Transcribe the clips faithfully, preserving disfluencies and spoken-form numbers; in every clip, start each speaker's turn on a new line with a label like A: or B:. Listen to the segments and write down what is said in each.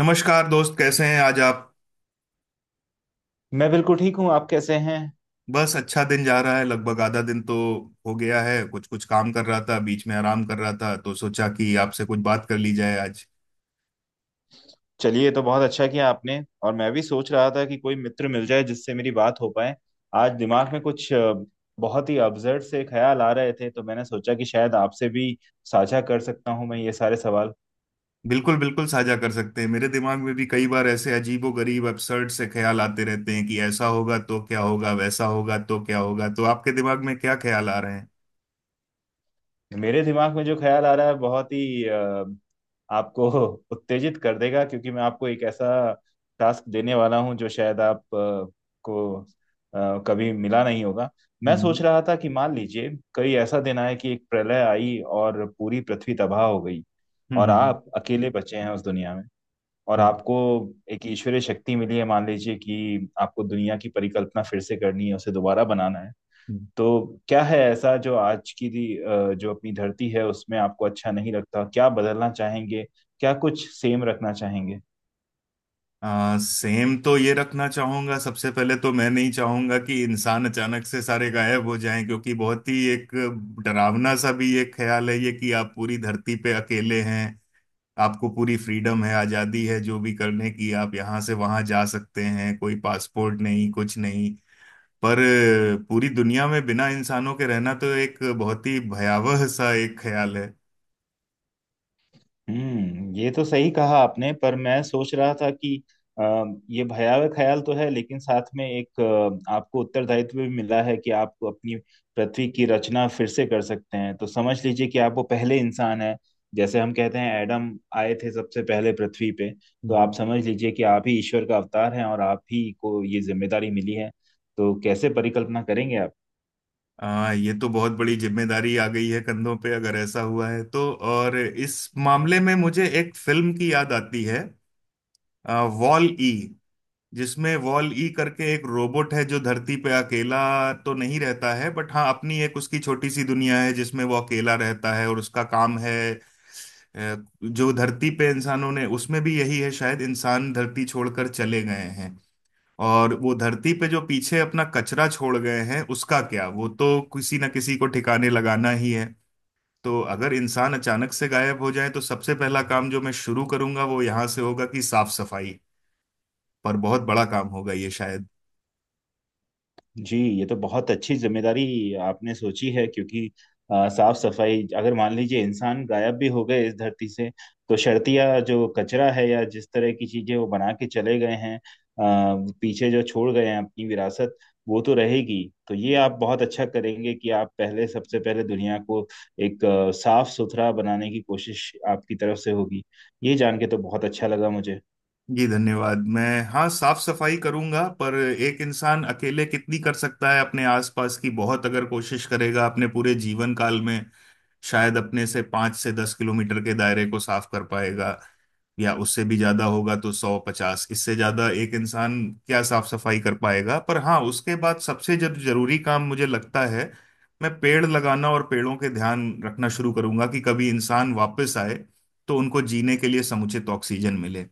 A: नमस्कार दोस्त, कैसे हैं आज आप?
B: मैं बिल्कुल ठीक हूँ। आप कैसे हैं?
A: बस अच्छा दिन जा रहा है, लगभग आधा दिन तो हो गया है। कुछ कुछ काम कर रहा था, बीच में आराम कर रहा था, तो सोचा कि आपसे कुछ बात कर ली जाए आज।
B: चलिए, ये तो बहुत अच्छा किया आपने। और मैं भी सोच रहा था कि कोई मित्र मिल जाए जिससे मेरी बात हो पाए। आज दिमाग में कुछ अ, बहुत ही अब्जर्ड से ख्याल आ रहे थे, तो मैंने सोचा कि शायद आपसे भी साझा कर सकता हूँ मैं ये सारे सवाल।
A: बिल्कुल बिल्कुल, साझा कर सकते हैं। मेरे दिमाग में भी कई बार ऐसे अजीबो गरीब अबसर्ड से ख्याल आते रहते हैं कि ऐसा होगा तो क्या होगा, वैसा होगा तो क्या होगा। तो आपके दिमाग में क्या ख्याल आ रहे हैं?
B: मेरे दिमाग में जो ख्याल आ रहा है बहुत ही अ, आपको उत्तेजित कर देगा, क्योंकि मैं आपको एक ऐसा टास्क देने वाला हूं जो शायद आप अ, को अ, कभी मिला नहीं होगा। मैं
A: हम्म।
B: सोच रहा था कि मान लीजिए कहीं ऐसा दिन आए कि एक प्रलय आई और पूरी पृथ्वी तबाह हो गई, और
A: हम्म।
B: आप अकेले बचे हैं उस दुनिया में, और
A: हम्म।
B: आपको एक ईश्वरीय शक्ति मिली है। मान लीजिए कि आपको दुनिया की परिकल्पना फिर से करनी है, उसे दोबारा बनाना है।
A: हम्म।
B: तो क्या है ऐसा जो आज की दी- अ, जो अपनी धरती है उसमें आपको अच्छा नहीं लगता, क्या बदलना चाहेंगे, क्या कुछ सेम रखना चाहेंगे?
A: आ, सेम तो ये रखना चाहूंगा। सबसे पहले तो मैं नहीं चाहूंगा कि इंसान अचानक से सारे गायब हो जाएं, क्योंकि बहुत ही एक डरावना सा भी एक ख्याल है ये कि आप पूरी धरती पे अकेले हैं। आपको पूरी फ्रीडम है, आजादी है, जो भी करने की। आप यहाँ से वहां जा सकते हैं, कोई पासपोर्ट नहीं, कुछ नहीं। पर अ, पूरी दुनिया में बिना इंसानों के रहना तो एक बहुत ही भयावह सा एक ख्याल है।
B: हम्म, ये तो सही कहा आपने। पर मैं सोच रहा था कि अ, ये भयावह ख्याल तो है, लेकिन साथ में एक अ, आपको उत्तरदायित्व भी मिला है कि आप अपनी पृथ्वी की रचना फिर से कर सकते हैं। तो समझ लीजिए कि आप वो पहले इंसान हैं, जैसे हम कहते हैं एडम आए थे सबसे पहले पृथ्वी पे। तो आप समझ लीजिए कि आप ही ईश्वर का अवतार हैं और आप ही को ये जिम्मेदारी मिली है। तो कैसे परिकल्पना करेंगे आप?
A: आ, ये तो बहुत बड़ी जिम्मेदारी आ गई है कंधों पे, अगर ऐसा हुआ है तो। और इस मामले में मुझे एक फिल्म की याद आती है, वॉल ई। जिसमें वॉल ई करके एक रोबोट है जो धरती पे अकेला तो नहीं रहता है, बट हाँ, अपनी एक उसकी छोटी सी दुनिया है जिसमें वो अकेला रहता है। और उसका काम है अ, जो धरती पे इंसानों ने, उसमें भी यही है शायद, इंसान धरती छोड़कर चले गए हैं। और वो धरती पे जो पीछे अपना कचरा छोड़ गए हैं उसका क्या, वो तो किसी ना किसी को ठिकाने लगाना ही है। तो अगर इंसान अचानक से गायब हो जाए तो सबसे पहला काम जो मैं शुरू करूंगा वो यहाँ से होगा कि साफ सफाई। पर बहुत बड़ा काम होगा ये शायद।
B: जी, ये तो बहुत अच्छी जिम्मेदारी आपने सोची है, क्योंकि अ, साफ सफाई, अगर मान लीजिए इंसान गायब भी हो गए इस धरती से, तो शर्तिया जो कचरा है या जिस तरह की चीजें वो बना के चले गए हैं, अ, पीछे जो छोड़ गए हैं अपनी विरासत, वो तो रहेगी। तो ये आप बहुत अच्छा करेंगे कि आप पहले, सबसे पहले दुनिया को एक अ, साफ सुथरा बनाने की कोशिश आपकी तरफ से होगी। ये जान के तो बहुत अच्छा लगा मुझे।
A: जी धन्यवाद। मैं, हाँ, साफ सफाई करूंगा, पर एक इंसान अकेले कितनी कर सकता है अपने आसपास की। बहुत अगर कोशिश करेगा अपने पूरे जीवन काल में, शायद अपने से पाँच से दस किलोमीटर के दायरे को साफ कर पाएगा। या उससे भी ज्यादा होगा तो सौ पचास, इससे ज्यादा एक इंसान क्या साफ सफाई कर पाएगा। पर हाँ, उसके बाद सबसे जर, जरूरी काम, मुझे लगता है, मैं पेड़ लगाना और पेड़ों के ध्यान रखना शुरू करूंगा कि कभी इंसान वापस आए तो उनको जीने के लिए समुचित ऑक्सीजन मिले।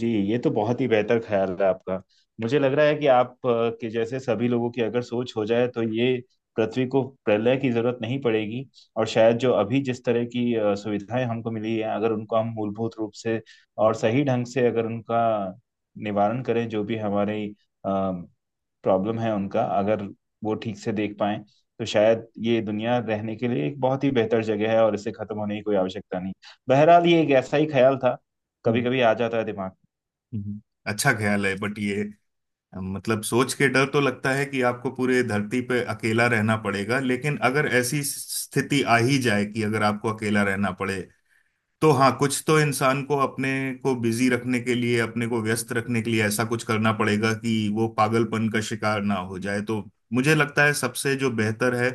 B: जी, ये तो बहुत ही बेहतर ख्याल है आपका। मुझे लग रहा है कि आप अ, के जैसे सभी लोगों की अगर सोच हो जाए तो ये पृथ्वी को प्रलय की जरूरत नहीं पड़ेगी। और शायद जो अभी जिस तरह की अ, सुविधाएं हमको मिली हैं, अगर उनको हम मूलभूत रूप से और सही ढंग से, अगर उनका निवारण करें, जो भी हमारी प्रॉब्लम है उनका अगर वो ठीक से देख पाएं, तो शायद ये दुनिया रहने के लिए एक बहुत ही बेहतर जगह है और इसे खत्म होने की कोई आवश्यकता नहीं। बहरहाल, ये एक ऐसा ही ख्याल था, कभी
A: हम्म।
B: कभी आ जाता है दिमाग।
A: हम्म। अच्छा ख्याल है, बट ये, मतलब सोच के डर तो लगता है कि आपको पूरे धरती पे अकेला रहना पड़ेगा। लेकिन अगर ऐसी स्थिति आ ही जाए कि अगर आपको अकेला रहना पड़े, तो हाँ, कुछ तो इंसान को अपने को बिजी रखने के लिए, अपने को व्यस्त रखने के लिए ऐसा कुछ करना पड़ेगा कि वो पागलपन का शिकार ना हो जाए। तो मुझे लगता है सबसे जो बेहतर है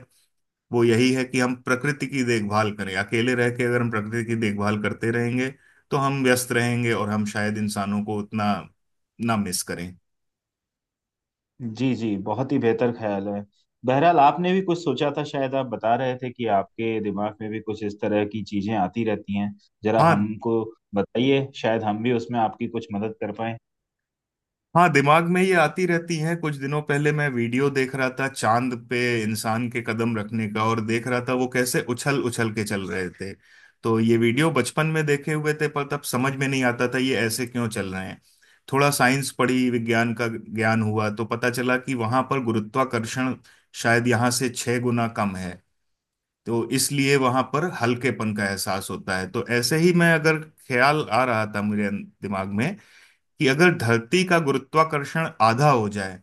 A: वो यही है कि हम प्रकृति की देखभाल करें। अकेले रह के अगर हम प्रकृति की देखभाल करते रहेंगे तो हम व्यस्त रहेंगे और हम शायद इंसानों को उतना ना मिस करें।
B: जी जी, बहुत ही बेहतर ख्याल है। बहरहाल, आपने भी कुछ सोचा था, शायद आप बता रहे थे कि आपके दिमाग में भी कुछ इस तरह की चीजें आती रहती हैं। जरा
A: हाँ।
B: हमको बताइए, शायद हम भी उसमें आपकी कुछ मदद कर पाए।
A: हाँ, दिमाग में ये आती रहती है। कुछ दिनों पहले मैं वीडियो देख रहा था चांद पे इंसान के कदम रखने का, और देख रहा था वो कैसे उछल उछल के चल रहे थे। तो ये वीडियो बचपन में देखे हुए थे पर तब समझ में नहीं आता था ये ऐसे क्यों चल रहे हैं। थोड़ा साइंस पढ़ी, विज्ञान का ज्ञान हुआ तो पता चला कि वहां पर गुरुत्वाकर्षण शायद यहाँ से छह गुना कम है। तो इसलिए वहां पर हल्केपन का एहसास होता है। तो ऐसे ही मैं, अगर ख्याल आ रहा था मेरे दिमाग में कि अगर धरती का गुरुत्वाकर्षण आधा हो जाए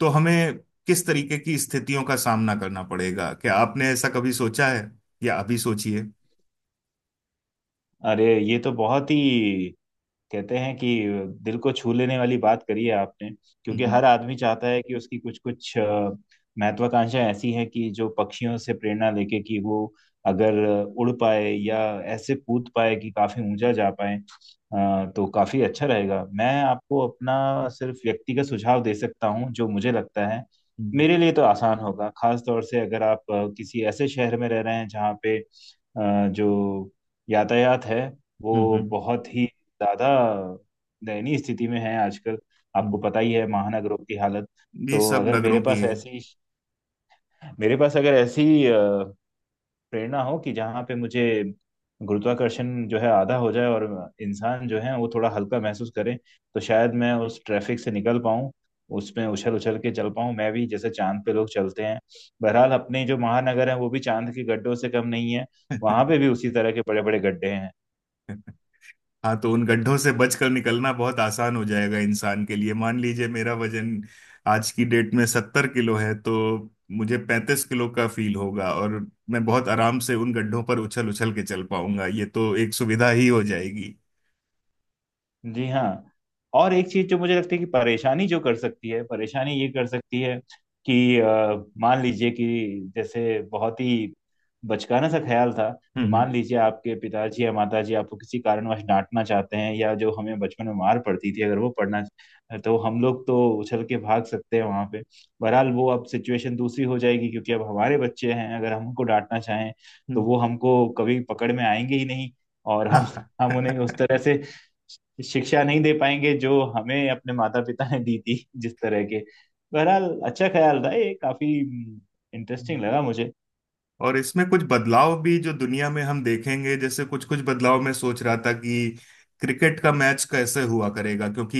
A: तो हमें किस तरीके की स्थितियों का सामना करना पड़ेगा? क्या आपने ऐसा कभी सोचा है? या अभी सोचिए।
B: अरे, ये तो बहुत ही, कहते हैं कि दिल को छू लेने वाली बात करी है आपने। क्योंकि
A: हम्म।
B: हर आदमी चाहता है कि उसकी कुछ कुछ महत्वाकांक्षाएं ऐसी हैं कि जो पक्षियों से प्रेरणा लेके कि वो अगर उड़ पाए या ऐसे कूद पाए कि काफी ऊंचा जा पाए, अ, तो काफी अच्छा रहेगा। मैं आपको अपना सिर्फ व्यक्तिगत सुझाव दे सकता हूँ, जो मुझे लगता है
A: हम्म।
B: मेरे लिए तो आसान होगा। खास तौर से अगर आप अ, किसी ऐसे शहर में रह रहे हैं जहाँ पे अ, जो यातायात है वो
A: हम्म। हम्म।
B: बहुत ही ज्यादा दयनीय स्थिति में है आजकल, आपको
A: हम्म।
B: पता ही है महानगरों की हालत।
A: ये
B: तो
A: सब
B: अगर मेरे
A: नगरों की
B: पास
A: है।
B: ऐसी, मेरे पास अगर ऐसी अ, प्रेरणा हो कि जहाँ पे मुझे गुरुत्वाकर्षण जो है आधा हो जाए और इंसान जो है वो थोड़ा हल्का महसूस करे, तो शायद मैं उस ट्रैफिक से निकल पाऊँ, उसमें उछल उछल के चल पाऊँ मैं भी जैसे चांद पे लोग चलते हैं। बहरहाल, अपने जो महानगर है वो भी चांद के गड्ढों से कम नहीं है, वहां पे भी उसी तरह के बड़े बड़े गड्ढे हैं।
A: हाँ, तो उन गड्ढों से बचकर निकलना बहुत आसान हो जाएगा इंसान के लिए। मान लीजिए मेरा वजन आज की डेट में सत्तर किलो है, तो मुझे पैंतीस किलो का फील होगा और मैं बहुत आराम से उन गड्ढों पर उछल उछल के चल पाऊंगा। ये तो एक सुविधा ही हो जाएगी।
B: जी हाँ। और एक चीज जो मुझे लगती है कि परेशानी जो कर सकती है, परेशानी ये कर सकती है कि अ, मान लीजिए कि, जैसे बहुत ही बचकाना सा ख्याल था
A: हम्म।
B: कि,
A: हम्म।
B: मान लीजिए आपके पिताजी या माताजी आपको किसी कारणवश डांटना चाहते हैं, या जो हमें बचपन में मार पड़ती थी, अगर वो पड़ना, तो हम लोग तो उछल के भाग सकते हैं वहां पे। बहरहाल, वो अब सिचुएशन दूसरी हो जाएगी, क्योंकि अब हमारे बच्चे हैं। अगर हम उनको डांटना चाहें, तो वो
A: हम्म।
B: हमको कभी पकड़ में आएंगे ही नहीं, और
A: हाँ
B: हम
A: हाँ।
B: हम उन्हें उस तरह से शिक्षा नहीं दे पाएंगे जो हमें अपने माता पिता ने दी थी, जिस तरह के। बहरहाल, अच्छा ख्याल था ये, काफी इंटरेस्टिंग
A: हम्म।
B: लगा मुझे।
A: और इसमें कुछ बदलाव भी जो दुनिया में हम देखेंगे, जैसे कुछ कुछ बदलाव मैं सोच रहा था कि क्रिकेट का मैच कैसे हुआ करेगा, क्योंकि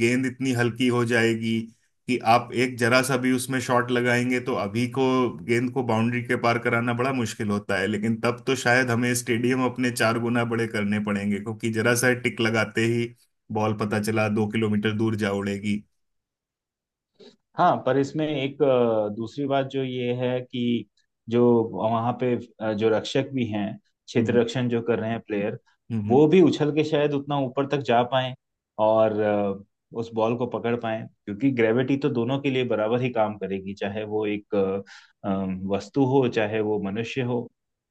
A: गेंद इतनी हल्की हो जाएगी कि आप एक जरा सा भी उसमें शॉट लगाएंगे। तो अभी को गेंद को बाउंड्री के पार कराना बड़ा मुश्किल होता है, लेकिन तब तो शायद हमें स्टेडियम अपने चार गुना बड़े करने पड़ेंगे, क्योंकि जरा सा टिक लगाते ही बॉल पता चला दो किलोमीटर दूर जा उड़ेगी।
B: हाँ, पर इसमें एक अ, दूसरी बात जो ये है कि, जो वहाँ पे अ, जो रक्षक भी हैं, क्षेत्र
A: हम्म।
B: रक्षण जो कर रहे हैं प्लेयर,
A: हम्म।
B: वो भी उछल के शायद उतना ऊपर तक जा पाए और अ, उस बॉल को पकड़ पाए, क्योंकि ग्रेविटी तो दोनों के लिए बराबर ही काम करेगी, चाहे वो एक अ, अम, वस्तु हो, चाहे वो मनुष्य हो।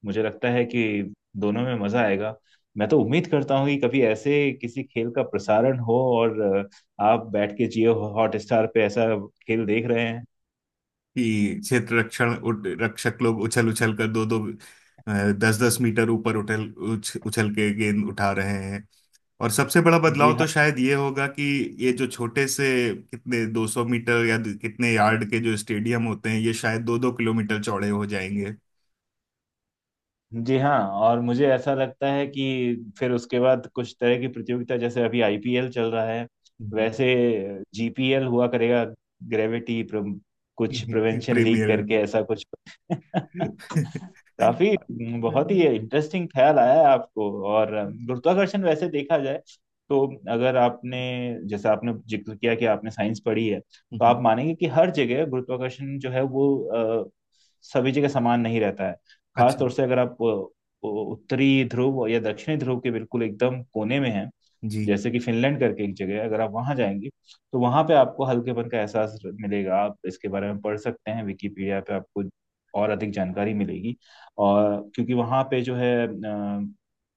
B: मुझे लगता है कि दोनों में मजा आएगा। मैं तो उम्मीद करता हूँ कि कभी ऐसे किसी खेल का प्रसारण हो और आप बैठ के जियो हॉटस्टार पे ऐसा खेल देख रहे हैं।
A: कि क्षेत्र रक्षण उठ- रक्षक लोग उछल उछल कर दो दो, दस दस मीटर ऊपर उठल उछ, उछल के गेंद उठा रहे हैं। और सबसे बड़ा
B: जी
A: बदलाव
B: हाँ,
A: तो शायद ये होगा कि ये जो छोटे से कितने दो सौ मीटर या कितने यार्ड के जो स्टेडियम होते हैं, ये शायद दो दो किलोमीटर चौड़े हो जाएंगे।
B: जी हाँ। और मुझे ऐसा लगता है कि फिर उसके बाद कुछ तरह की प्रतियोगिता, जैसे अभी आई पी एल चल रहा है,
A: हम्म।
B: वैसे जी पी एल हुआ करेगा, ग्रेविटी प्र, कुछ प्रिवेंशन लीग
A: प्रीमियर।
B: करके ऐसा कुछ। काफी, बहुत ही इंटरेस्टिंग ख्याल आया है आपको। और गुरुत्वाकर्षण, वैसे देखा जाए तो, अगर आपने, जैसे आपने जिक्र किया कि आपने साइंस पढ़ी है, तो आप मानेंगे कि हर जगह गुरुत्वाकर्षण जो है वो अ, सभी जगह समान नहीं रहता है। खास
A: अच्छा।
B: तौर से अगर आप अ, उत्तरी ध्रुव या दक्षिणी ध्रुव के बिल्कुल एकदम कोने में हैं,
A: जी।
B: जैसे कि फिनलैंड करके एक जगह है, अगर आप वहां जाएंगे, तो वहां पे आपको हल्केपन का एहसास मिलेगा। आप इसके बारे में पढ़ सकते हैं, विकिपीडिया पे आपको और अधिक जानकारी मिलेगी। और क्योंकि वहां पे जो है अ,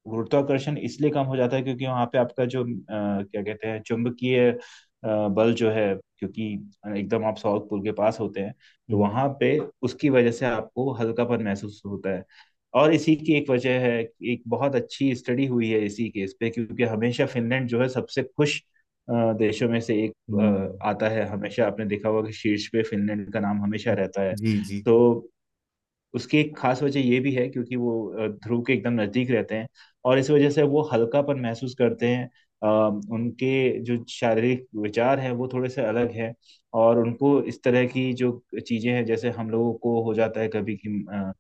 B: गुरुत्वाकर्षण इसलिए कम हो जाता है, क्योंकि वहां पे आपका जो अ, क्या कहते हैं, चुंबकीय अ, बल जो है, क्योंकि एकदम आप साउथ पोल के पास होते हैं, तो
A: हम्म।
B: वहां पे उसकी वजह से आपको हल्कापन महसूस होता है। और इसी की एक वजह है कि एक बहुत अच्छी स्टडी हुई है इसी केस पे, क्योंकि हमेशा फिनलैंड जो है सबसे खुश अ, देशों में से एक
A: हम्म।
B: अ, आता है। हमेशा आपने देखा होगा कि शीर्ष पे फिनलैंड का नाम हमेशा रहता है।
A: जी। जी।
B: तो उसकी एक खास वजह ये भी है, क्योंकि वो अ, ध्रुव के एकदम नजदीक रहते हैं, और इस वजह से वो हल्कापन महसूस करते हैं। अ, उनके जो शारीरिक विचार हैं वो थोड़े से अलग हैं, और उनको इस तरह की जो चीजें हैं जैसे हम लोगों को हो जाता है कभी कि अ,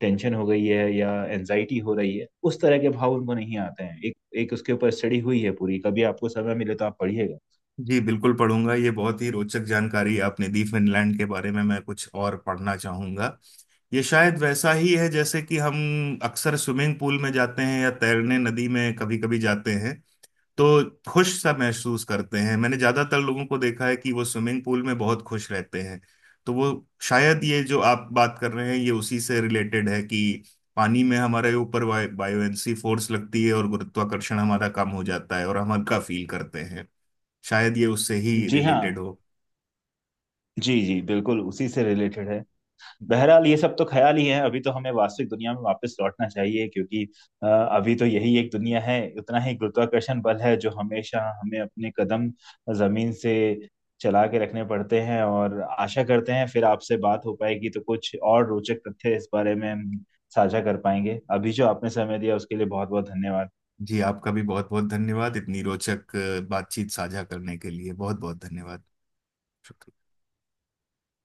B: टेंशन हो गई है या एनजाइटी हो रही है, उस तरह के भाव उनको नहीं आते हैं। एक एक उसके ऊपर स्टडी हुई है पूरी, कभी आपको समय मिले तो आप पढ़िएगा।
A: जी बिल्कुल पढ़ूंगा। ये बहुत ही रोचक जानकारी आपने दी फिनलैंड के बारे में। मैं कुछ और पढ़ना चाहूंगा। ये शायद वैसा ही है जैसे कि हम अक्सर स्विमिंग पूल में जाते हैं या तैरने नदी में कभी कभी जाते हैं तो खुश सा महसूस करते हैं। मैंने ज्यादातर लोगों को देखा है कि वो स्विमिंग पूल में बहुत खुश रहते हैं। तो वो, शायद ये जो आप बात कर रहे हैं ये उसी से रिलेटेड है कि पानी में हमारे ऊपर बायोएंसी फोर्स लगती है और गुरुत्वाकर्षण हमारा कम हो जाता है और हम हल्का फील करते हैं। शायद ये उससे ही
B: जी हाँ,
A: रिलेटेड हो।
B: जी जी बिल्कुल उसी से रिलेटेड है। बहरहाल, ये सब तो ख्याल ही है, अभी तो हमें वास्तविक दुनिया में वापस लौटना चाहिए, क्योंकि अ, अभी तो यही एक दुनिया है, उतना ही गुरुत्वाकर्षण बल है, जो हमेशा हमें अपने कदम जमीन से चला के रखने पड़ते हैं। और आशा करते हैं फिर आपसे बात हो पाएगी, तो कुछ और रोचक तथ्य इस बारे में हम साझा कर पाएंगे। अभी जो आपने समय दिया उसके लिए बहुत बहुत धन्यवाद।
A: जी आपका भी बहुत बहुत धन्यवाद। इतनी रोचक अ, बातचीत साझा करने के लिए बहुत बहुत धन्यवाद। शुक्रिया।